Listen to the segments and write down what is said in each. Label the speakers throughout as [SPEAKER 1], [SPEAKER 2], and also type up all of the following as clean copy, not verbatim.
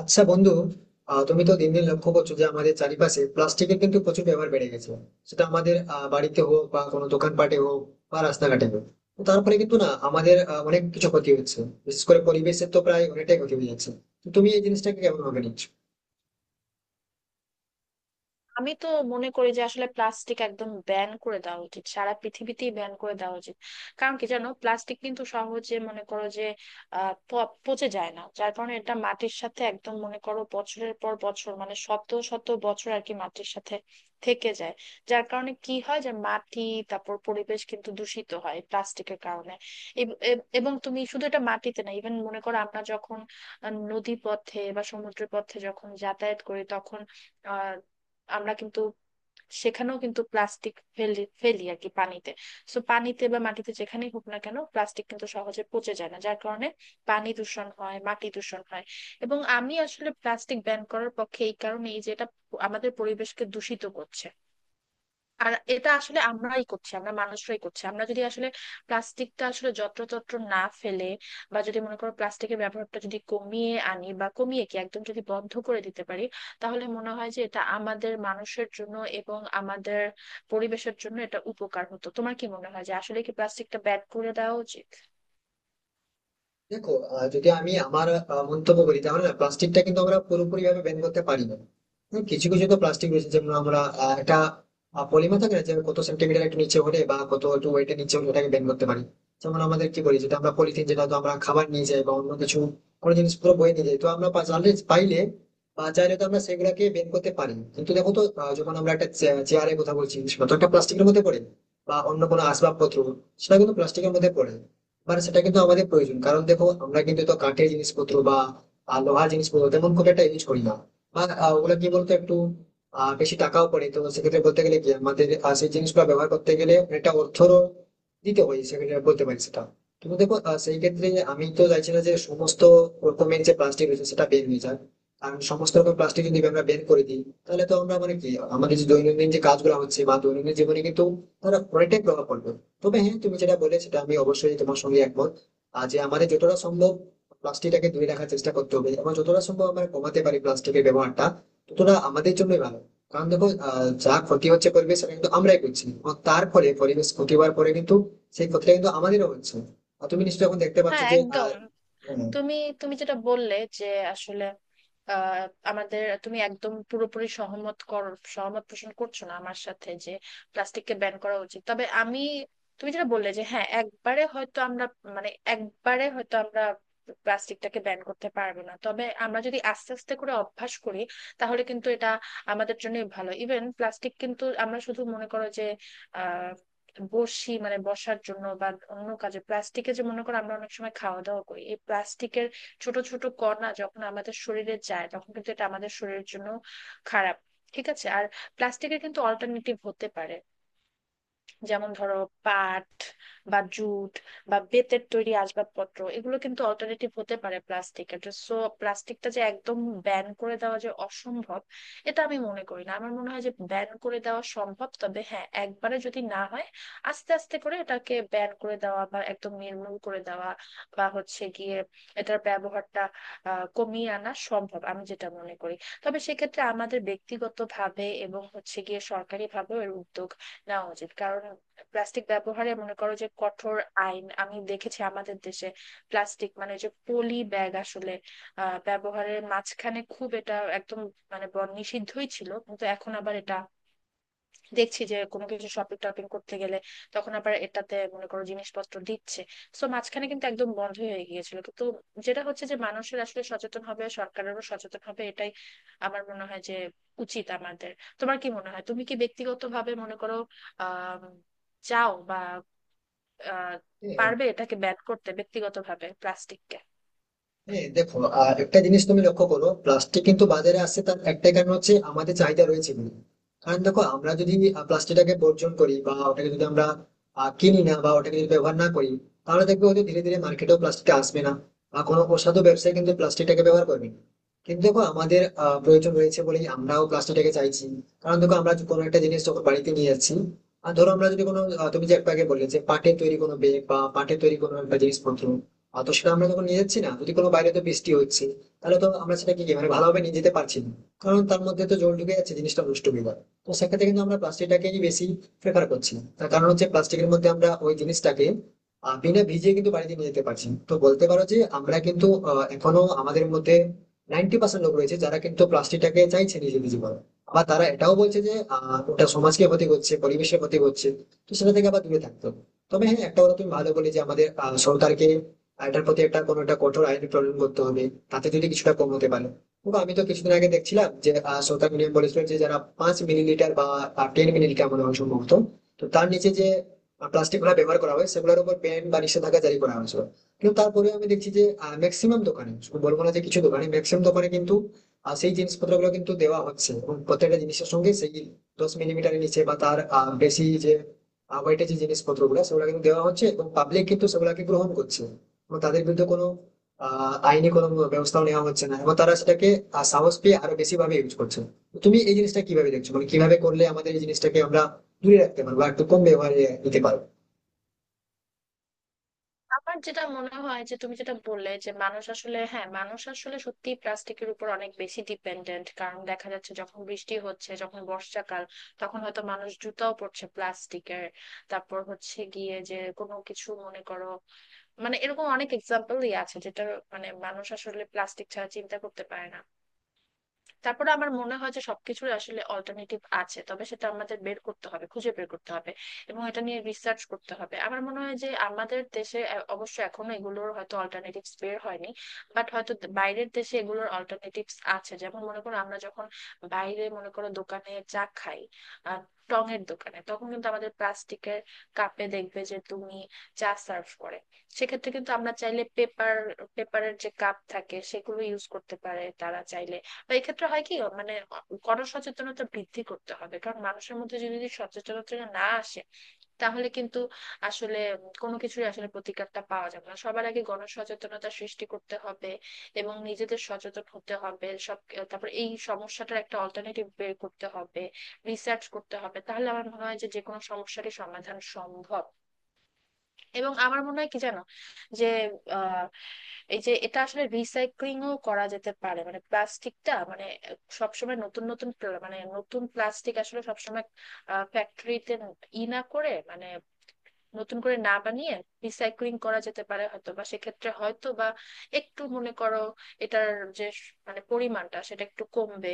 [SPEAKER 1] আচ্ছা বন্ধু। তুমি তো দিন দিন লক্ষ্য করছো যে আমাদের চারিপাশে প্লাস্টিকের কিন্তু প্রচুর ব্যবহার বেড়ে গেছে। সেটা আমাদের বাড়িতে হোক বা কোনো দোকানপাটে হোক বা রাস্তাঘাটে হোক। তো তারপরে কিন্তু না আমাদের অনেক কিছু ক্ষতি হচ্ছে, বিশেষ করে পরিবেশের তো প্রায় অনেকটাই ক্ষতি হয়ে যাচ্ছে। তো তুমি এই জিনিসটাকে কেমন ভাবে নিচ্ছ?
[SPEAKER 2] আমি তো মনে করি যে আসলে প্লাস্টিক একদম ব্যান করে দেওয়া উচিত, সারা পৃথিবীতেই ব্যান করে দেওয়া উচিত। কারণ কি জানো, প্লাস্টিক কিন্তু সহজে মনে করো যে পচে যায় না, যার কারণে এটা মাটির সাথে একদম মনে করো বছরের পর বছর, মানে শত শত বছর আর কি মাটির সাথে থেকে যায়। যার কারণে কি হয় যে মাটি, তারপর পরিবেশ কিন্তু দূষিত হয় প্লাস্টিকের কারণে। এবং তুমি শুধু এটা মাটিতে না, ইভেন মনে করো আমরা যখন নদী পথে বা সমুদ্র পথে যখন যাতায়াত করি তখন আহ আমরা কিন্তু সেখানেও কিন্তু প্লাস্টিক ফেলি ফেলি আর কি পানিতে। সো পানিতে বা মাটিতে যেখানেই হোক না কেন, প্লাস্টিক কিন্তু সহজে পচে যায় না, যার কারণে পানি দূষণ হয়, মাটি দূষণ হয়। এবং আমি আসলে প্লাস্টিক ব্যান করার পক্ষে এই কারণে, এই যে এটা আমাদের পরিবেশকে দূষিত করছে। আর এটা আসলে আমরাই করছি, আমরা মানুষরাই করছি। আমরা যদি আসলে প্লাস্টিকটা আসলে যত্রতত্র না ফেলে বা যদি মনে করো প্লাস্টিকের ব্যবহারটা যদি কমিয়ে আনি বা কমিয়ে কি একদম যদি বন্ধ করে দিতে পারি, তাহলে মনে হয় যে এটা আমাদের মানুষের জন্য এবং আমাদের পরিবেশের জন্য এটা উপকার হতো। তোমার কি মনে হয় যে আসলে কি প্লাস্টিকটা ব্যান করে দেওয়া উচিত?
[SPEAKER 1] দেখো, যদি আমি আমার মন্তব্য করি তাহলে না প্লাস্টিকটা কিন্তু আমরা পুরোপুরি ভাবে ব্যান করতে পারি না। কিছু কিছু তো প্লাস্টিক রয়েছে, যেমন আমরা একটা পলিমার থাকে না যে কত সেন্টিমিটার একটু নিচে হলে বা কত একটু ওয়েটের নিচে হলে ওটাকে ব্যান করতে পারি। যেমন আমাদের কি করি যেটা আমরা পলিথিন, যেটা তো আমরা খাবার নিয়ে যাই বা অন্য কিছু কোনো জিনিস পুরো বয়ে নিয়ে যাই, তো আমরা জানলে পাইলে বা চাইলে তো আমরা সেগুলাকে ব্যান করতে পারি। কিন্তু দেখো তো যখন আমরা একটা চেয়ারের কথা বলছি, সেটা তো একটা প্লাস্টিকের মধ্যে পড়ে, বা অন্য কোনো আসবাবপত্র সেটা কিন্তু প্লাস্টিকের মধ্যে পড়ে। মানে সেটা কিন্তু আমাদের প্রয়োজন, কারণ দেখো আমরা কিন্তু তো কাঠের জিনিসপত্র বা লোহার জিনিসপত্র তেমন খুব একটা ইউজ করি না, বা ওগুলো কি বলতো একটু বেশি টাকাও পড়ে। তো সেক্ষেত্রে বলতে গেলে কি আমাদের সেই জিনিসগুলো ব্যবহার করতে গেলে অনেকটা অর্থরও দিতে হয়, সেক্ষেত্রে বলতে পারি সেটা। কিন্তু দেখো সেই ক্ষেত্রে আমি তো চাইছি না যে সমস্ত রকমের যে প্লাস্টিক রয়েছে সেটা বের হয়ে যায়। কারণ সমস্ত রকম প্লাস্টিক যদি আমরা বের করে দিই তাহলে তো আমরা মানে কি আমাদের যে দৈনন্দিন যে কাজগুলো হচ্ছে বা দৈনন্দিন জীবনে কিন্তু তারা অনেকটাই প্রভাব পড়বে। তবে হ্যাঁ, তুমি যেটা বলে সেটা আমি অবশ্যই তোমার সঙ্গে একমত। আর যে আমাদের যতটা সম্ভব প্লাস্টিকটাকে দূরে রাখার চেষ্টা করতে হবে, এবং যতটা সম্ভব আমরা কমাতে পারি প্লাস্টিকের ব্যবহারটা ততটা আমাদের জন্যই ভালো। কারণ দেখো যা ক্ষতি হচ্ছে পরিবেশ, সেটা কিন্তু আমরাই করছি, এবং তার ফলে পরিবেশ ক্ষতি হওয়ার পরে কিন্তু সেই ক্ষতিটা কিন্তু আমাদেরও হচ্ছে। আর তুমি নিশ্চয়ই এখন দেখতে পাচ্ছ
[SPEAKER 2] হ্যাঁ
[SPEAKER 1] যে
[SPEAKER 2] একদম। তুমি তুমি যেটা বললে যে আসলে আহ, আমাদের তুমি একদম পুরোপুরি সহমত কর, সহমত পোষণ করছো না আমার সাথে যে প্লাস্টিককে ব্যান করা উচিত। তবে আমি, তুমি যেটা বললে যে হ্যাঁ একবারে হয়তো আমরা, মানে একবারে হয়তো আমরা প্লাস্টিকটাকে ব্যান করতে পারবো না, তবে আমরা যদি আস্তে আস্তে করে অভ্যাস করি, তাহলে কিন্তু এটা আমাদের জন্যই ভালো। ইভেন প্লাস্টিক কিন্তু আমরা শুধু মনে করো যে বসি, মানে বসার জন্য বা অন্য কাজে প্লাস্টিকে যে মনে করো আমরা অনেক সময় খাওয়া দাওয়া করি, এই প্লাস্টিকের ছোট ছোট কণা যখন আমাদের শরীরে যায় তখন কিন্তু এটা আমাদের শরীরের জন্য খারাপ। ঠিক আছে, আর প্লাস্টিকের কিন্তু অল্টারনেটিভ হতে পারে, যেমন ধরো পাট বা জুট বা বেতের তৈরি আসবাবপত্র, এগুলো কিন্তু অল্টারনেটিভ হতে পারে প্লাস্টিকের। সো প্লাস্টিকটা যে একদম ব্যান করে দেওয়া যে অসম্ভব, এটা আমি মনে করি না। আমার মনে হয় যে ব্যান করে দেওয়া সম্ভব, তবে হ্যাঁ একবারে যদি না হয়, আস্তে আস্তে করে এটাকে ব্যান করে দেওয়া বা একদম নির্মূল করে দেওয়া বা হচ্ছে গিয়ে এটার ব্যবহারটা কমিয়ে আনা সম্ভব, আমি যেটা মনে করি। তবে সেক্ষেত্রে আমাদের ব্যক্তিগতভাবে এবং হচ্ছে গিয়ে সরকারি ভাবেও এর উদ্যোগ নেওয়া উচিত। কারণ প্লাস্টিক ব্যবহারে মনে করো যে কঠোর আইন আমি দেখেছি, আমাদের দেশে প্লাস্টিক মানে যে পলি ব্যাগ আসলে ব্যবহারের মাঝখানে খুব এটা একদম, মানে নিষিদ্ধই ছিল, কিন্তু এখন আবার এটা দেখছি যে কোনো কিছু শপিং টপিং করতে গেলে তখন আবার এটাতে মনে করো জিনিসপত্র দিচ্ছে। তো মাঝখানে কিন্তু একদম বন্ধ হয়ে গিয়েছিল, কিন্তু যেটা হচ্ছে যে মানুষের আসলে সচেতন হবে, সরকারেরও সচেতন হবে, এটাই আমার মনে হয় যে উচিত আমাদের। তোমার কি মনে হয়, তুমি কি ব্যক্তিগতভাবে মনে করো আহ চাও বা আহ
[SPEAKER 1] হ্যাঁ,
[SPEAKER 2] পারবে এটাকে ব্যান করতে ব্যক্তিগতভাবে প্লাস্টিককে?
[SPEAKER 1] হ্যাঁ দেখো, একটা জিনিস তুমি লক্ষ্য করো প্লাস্টিক কিন্তু বাজারে আসছে তার একটাই কারণ হচ্ছে আমাদের চাহিদা রয়েছে বলে। কারণ দেখো আমরা যদি প্লাস্টিকটাকে বর্জন করি বা ওটাকে যদি আমরা কিনি না বা ওটাকে যদি ব্যবহার না করি, তাহলে দেখবে হয়তো ধীরে ধীরে মার্কেটেও প্লাস্টিক আসবে না বা কোনো অসাধু ব্যবসায়ী কিন্তু প্লাস্টিকটাকে ব্যবহার করবে না। কিন্তু দেখো আমাদের প্রয়োজন রয়েছে বলেই আমরাও প্লাস্টিকটাকে চাইছি। কারণ দেখো আমরা যে কোনো একটা জিনিস যখন বাড়িতে নিয়ে যাচ্ছি, আর ধরো আমরা যদি কোনো তুমি যে একটু আগে বললে যে পাটের তৈরি কোনো ব্যাগ বা পাটের তৈরি কোনো একটা জিনিসপত্র, আর তো সেটা আমরা যখন নিয়ে যাচ্ছি না যদি কোনো বাইরে তো বৃষ্টি হচ্ছে, তাহলে তো আমরা সেটা কি মানে ভালোভাবে নিয়ে যেতে পারছি না, কারণ তার মধ্যে তো জল ঢুকে যাচ্ছে জিনিসটা নষ্ট হয়ে যাবে। তো সেক্ষেত্রে কিন্তু আমরা প্লাস্টিকটাকেই বেশি প্রেফার করছি, তার কারণ হচ্ছে প্লাস্টিকের মধ্যে আমরা ওই জিনিসটাকে বিনা ভিজিয়ে কিন্তু বাড়িতে নিয়ে যেতে পারছি। তো বলতে পারো যে আমরা কিন্তু এখনো আমাদের মধ্যে 90% লোক রয়েছে যারা কিন্তু প্লাস্টিকটাকে চাইছে নিজে নিজে করা। আবার তারা এটাও বলছে যে ওটা সমাজকে ক্ষতি করছে পরিবেশের ক্ষতি করছে, তো সেটা থেকে আবার দূরে থাকতে হবে। তবে হ্যাঁ, একটা কথা তুমি ভালো বলে যে আমাদের সরকারকে এটার প্রতি একটা কোনো একটা কঠোর আইনি প্রণয়ন করতে হবে, তাতে যদি কিছুটা কম হতে পারে। তবু আমি তো কিছুদিন আগে দেখছিলাম যে সরকার নিয়ম বলেছিল যে যারা 5 মিলিলিটার বা 10 মিলিলিটার মনে হয় সম্ভবত, তো তার নিচে যে প্লাস্টিক গুলা ব্যবহার করা হয় সেগুলোর উপর ব্যান বা নিষেধাজ্ঞা জারি করা হয়েছিল। কিন্তু তারপরে আমি দেখছি যে ম্যাক্সিমাম দোকানে, শুধু বলবো না যে কিছু দোকানে, ম্যাক্সিমাম দোকানে কিন্তু সেই জিনিসপত্র গুলো কিন্তু দেওয়া হচ্ছে, এবং প্রত্যেকটা জিনিসের সঙ্গে সেই 10 মিলিমিটারের নিচে বা তার বেশি যে ওয়েটের যে জিনিসপত্র গুলো সেগুলো কিন্তু দেওয়া হচ্ছে এবং পাবলিক কিন্তু সেগুলাকে গ্রহণ করছে। এবং তাদের বিরুদ্ধে কোনো আইনি কোনো ব্যবস্থাও নেওয়া হচ্ছে না, এবং তারা সেটাকে সাহস পেয়ে আরো বেশি ভাবে ইউজ করছে। তো তুমি এই জিনিসটা কিভাবে দেখছো, মানে কিভাবে করলে আমাদের এই জিনিসটাকে আমরা দূরে রাখতে পারবো বা একটু কম ব্যবহারে নিতে পারবো?
[SPEAKER 2] আমার যেটা মনে হয় যে তুমি যেটা বললে যে মানুষ আসলে, হ্যাঁ মানুষ আসলে সত্যি প্লাস্টিকের উপর অনেক বেশি ডিপেন্ডেন্ট, কারণ দেখা যাচ্ছে যখন বৃষ্টি হচ্ছে, যখন বর্ষাকাল, তখন হয়তো মানুষ জুতাও পরছে প্লাস্টিকের। তারপর হচ্ছে গিয়ে যে কোনো কিছু মনে করো, মানে এরকম অনেক এক্সাম্পলই আছে যেটা, মানে মানুষ আসলে প্লাস্টিক ছাড়া চিন্তা করতে পারে না। তারপরে আমার মনে হয় যে সবকিছুর আসলে অল্টারনেটিভ আছে, তবে সেটা আমাদের বের করতে হবে, খুঁজে বের করতে হবে এবং এটা নিয়ে রিসার্চ করতে হবে। আমার মনে হয় যে আমাদের দেশে অবশ্য এখনো এগুলোর হয়তো অল্টারনেটিভস বের হয়নি, বাট হয়তো বাইরের দেশে এগুলোর অল্টারনেটিভস আছে। যেমন মনে করো আমরা যখন বাইরে মনে করো দোকানে চা খাই, আহ টং এর দোকানে, তখন কিন্তু আমাদের প্লাস্টিকের কাপে দেখবে যে তুমি চা সার্ভ করে। সেক্ষেত্রে কিন্তু আমরা চাইলে পেপার, পেপারের যে কাপ থাকে সেগুলো ইউজ করতে পারে তারা চাইলে। বা এক্ষেত্রে হয় কি, মানে গণসচেতনতা বৃদ্ধি করতে হবে, কারণ মানুষের মধ্যে যদি সচেতনতা না আসে তাহলে কিন্তু আসলে কোনো কিছুই আসলে প্রতিকারটা পাওয়া যাবে না। সবার আগে গণসচেতনতা সৃষ্টি করতে হবে এবং নিজেদের সচেতন হতে হবে সব। তারপর এই সমস্যাটার একটা অল্টারনেটিভ বের করতে হবে, রিসার্চ করতে হবে, তাহলে আমার মনে হয় যে যে কোনো সমস্যারই সমাধান সম্ভব। এবং আমার মনে হয় কি জানো, যে আহ এই যে এটা আসলে রিসাইক্লিংও করা যেতে পারে, মানে প্লাস্টিকটা, মানে সবসময় নতুন নতুন প্ল- মানে নতুন প্লাস্টিক আসলে সবসময় ফ্যাক্টরিতে ই না করে, মানে নতুন করে না বানিয়ে রিসাইক্লিং করা যেতে পারে, হয়তো বা সেক্ষেত্রে হয়তো বা একটু মনে করো এটার যে মানে পরিমাণটা সেটা একটু কমবে।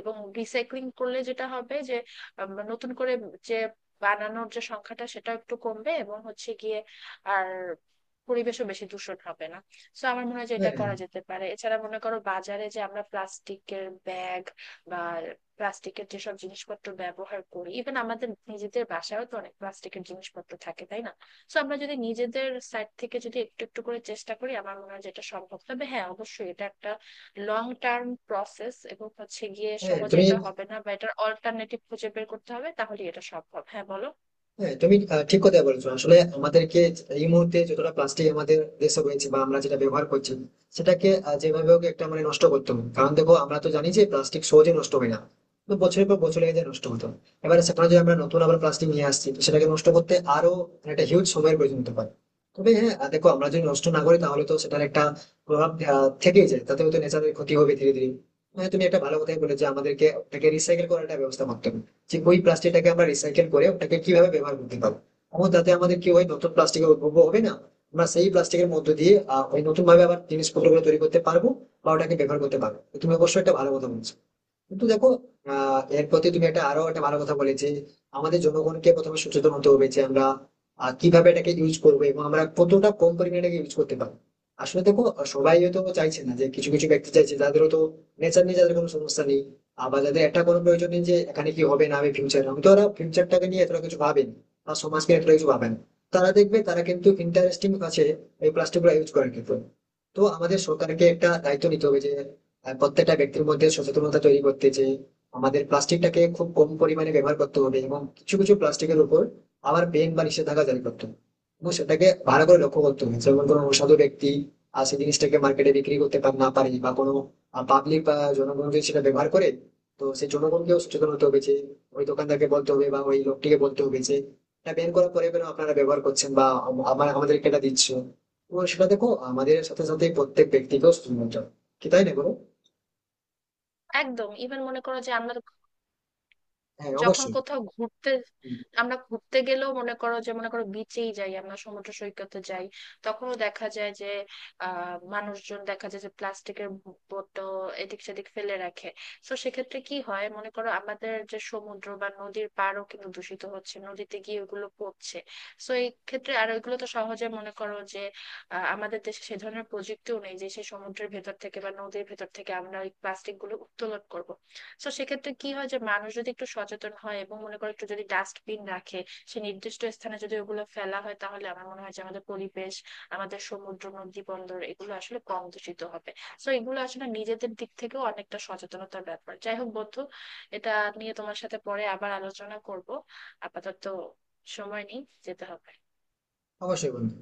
[SPEAKER 2] এবং রিসাইক্লিং করলে যেটা হবে যে নতুন করে যে বানানোর যে সংখ্যাটা সেটা একটু কমবে এবং হচ্ছে গিয়ে আর পরিবেশও বেশি দূষণ হবে না। তো আমার মনে হয় যে
[SPEAKER 1] হ্যাঁ।
[SPEAKER 2] এটা করা যেতে পারে। এছাড়া মনে করো বাজারে যে আমরা প্লাস্টিকের ব্যাগ বা প্লাস্টিকের যেসব জিনিসপত্র ব্যবহার করি, ইভেন আমাদের নিজেদের বাসায়ও তো অনেক প্লাস্টিকের জিনিসপত্র থাকে, তাই না? তো আমরা যদি নিজেদের সাইড থেকে যদি একটু একটু করে চেষ্টা করি, আমার মনে হয় যেটা সম্ভব। তবে হ্যাঁ অবশ্যই এটা একটা লং টার্ম প্রসেস এবং হচ্ছে গিয়ে
[SPEAKER 1] হ্যাঁ
[SPEAKER 2] সহজে
[SPEAKER 1] তুমি
[SPEAKER 2] এটা হবে না, বা এটার অল্টারনেটিভ খুঁজে বের করতে হবে, তাহলে এটা সম্ভব। হ্যাঁ বলো।
[SPEAKER 1] হ্যাঁ তুমি ঠিক কথা বলেছো। আসলে আমাদেরকে এই মুহূর্তে যতটা প্লাস্টিক আমাদের দেশে রয়েছে বা আমরা যেটা ব্যবহার করছি সেটাকে যেভাবে হোক একটা মানে নষ্ট করতে হবে, কারণ দেখো আমরা তো জানি যে প্লাস্টিক সহজে নষ্ট হয় না, তো বছরের পর বছর লেগে যায় নষ্ট হতো। এবারে সেখানে যদি আমরা নতুন আবার প্লাস্টিক নিয়ে আসছি, তো সেটাকে নষ্ট করতে আরো মানে একটা হিউজ সময়ের প্রয়োজন হতে পারে। তবে হ্যাঁ, দেখো আমরা যদি নষ্ট না করি তাহলে তো সেটার একটা প্রভাব থেকেই যায়, তাতে হয়তো নেচারের ক্ষতি হবে ধীরে ধীরে। হ্যাঁ তুমি একটা ভালো কথাই বলে যে আমাদেরকে ওটাকে রিসাইকেল করার একটা ব্যবস্থা করতে হবে, যে ওই প্লাস্টিকটাকে আমরা রিসাইকেল করে ওটাকে কিভাবে ব্যবহার করতে পারবো, এবং তাতে আমাদের কি হয় নতুন প্লাস্টিকের উদ্ভব হবে না। আমরা সেই প্লাস্টিকের মধ্য দিয়ে ওই নতুন ভাবে আবার জিনিসপত্র গুলো তৈরি করতে পারবো বা ওটাকে ব্যবহার করতে পারবো। তো তুমি অবশ্যই একটা ভালো কথা বলছো। কিন্তু দেখো এর প্রতি তুমি একটা আরো একটা ভালো কথা বলেছে। আমাদের জনগণকে প্রথমে সচেতন হতে হবে যে আমরা কিভাবে এটাকে ইউজ করবো এবং আমরা কতটা কম পরিমাণে এটাকে ইউজ করতে পারবো। আসলে দেখো সবাই হয়তো চাইছে না, যে কিছু কিছু ব্যক্তি চাইছে যাদের তো নেচার নিয়ে যাদের কোনো সমস্যা নেই। আবার যাদের একটা কোনো প্রয়োজন নেই যে এখানে কি হবে না হবে ফিউচার, আমি তো ওরা ফিউচারটাকে নিয়ে এতটা কিছু ভাবেন বা সমাজকে এতটা কিছু ভাবেন। তারা দেখবে তারা কিন্তু ইন্টারেস্টিং আছে এই প্লাস্টিক গুলো ইউজ করার ক্ষেত্রে। তো আমাদের সরকারকে একটা দায়িত্ব নিতে হবে যে প্রত্যেকটা ব্যক্তির মধ্যে সচেতনতা তৈরি করতে, যে আমাদের প্লাস্টিকটাকে খুব কম পরিমাণে ব্যবহার করতে হবে এবং কিছু কিছু প্লাস্টিকের উপর আবার বেন বা নিষেধাজ্ঞা জারি করতে হবে। এবং সেটাকে ভালো করে লক্ষ্য করতে হবে, যেমন কোনো অসাধু ব্যক্তি আর সেই জিনিসটাকে মার্কেটে বিক্রি করতে পার না পারে, বা কোনো পাবলিক বা জনগণ যদি সেটা ব্যবহার করে তো সেই জনগণকেও সচেতন হতে হবে যে ওই দোকানদারকে বলতে হবে বা ওই লোকটিকে বলতে হবে যে এটা বের করার পরে কেন আপনারা ব্যবহার করছেন বা আমার আমাদেরকে এটা দিচ্ছ। তো সেটা দেখো আমাদের সাথে সাথে প্রত্যেক ব্যক্তিকেও সচেতন হতে হবে, কি তাই না বলো?
[SPEAKER 2] একদম। ইভেন মনে করো যে আমরা তো
[SPEAKER 1] হ্যাঁ
[SPEAKER 2] যখন
[SPEAKER 1] অবশ্যই।
[SPEAKER 2] কোথাও ঘুরতে,
[SPEAKER 1] হুম,
[SPEAKER 2] আমরা ঘুরতে গেলেও মনে করো যে, মনে করো বিচেই যাই, আমরা সমুদ্র সৈকতে যাই, তখনও দেখা যায় যে মানুষজন দেখা যায় যে প্লাস্টিকের বোতল এদিক সেদিক ফেলে রাখে। তো সেক্ষেত্রে কি হয় মনে করো, আমাদের যে সমুদ্র বা নদীর পাড়ও কিন্তু দূষিত হচ্ছে, নদীতে গিয়ে ওগুলো পড়ছে। তো এই ক্ষেত্রে আর ওইগুলো তো সহজে মনে করো যে, আমাদের দেশে সে ধরনের প্রযুক্তিও নেই যে সেই সমুদ্রের ভেতর থেকে বা নদীর ভেতর থেকে আমরা ওই প্লাস্টিক গুলো উত্তোলন করব। তো সেক্ষেত্রে কি হয় যে মানুষ যদি একটু সচেতন হয় এবং মনে করো একটু যদি ডাস্টবিন রাখে, সে নির্দিষ্ট স্থানে যদি ওগুলো ফেলা হয়, তাহলে আমার মনে হয় যে আমাদের পরিবেশ, আমাদের সমুদ্র, নদী, বন্দর এগুলো আসলে কম দূষিত হবে। তো এগুলো আসলে নিজেদের দিক থেকেও অনেকটা সচেতনতার ব্যাপার। যাই হোক বন্ধু, এটা নিয়ে তোমার সাথে পরে আবার আলোচনা করব। আপাতত সময় নেই, যেতে হবে।
[SPEAKER 1] অবশ্যই বন্ধু।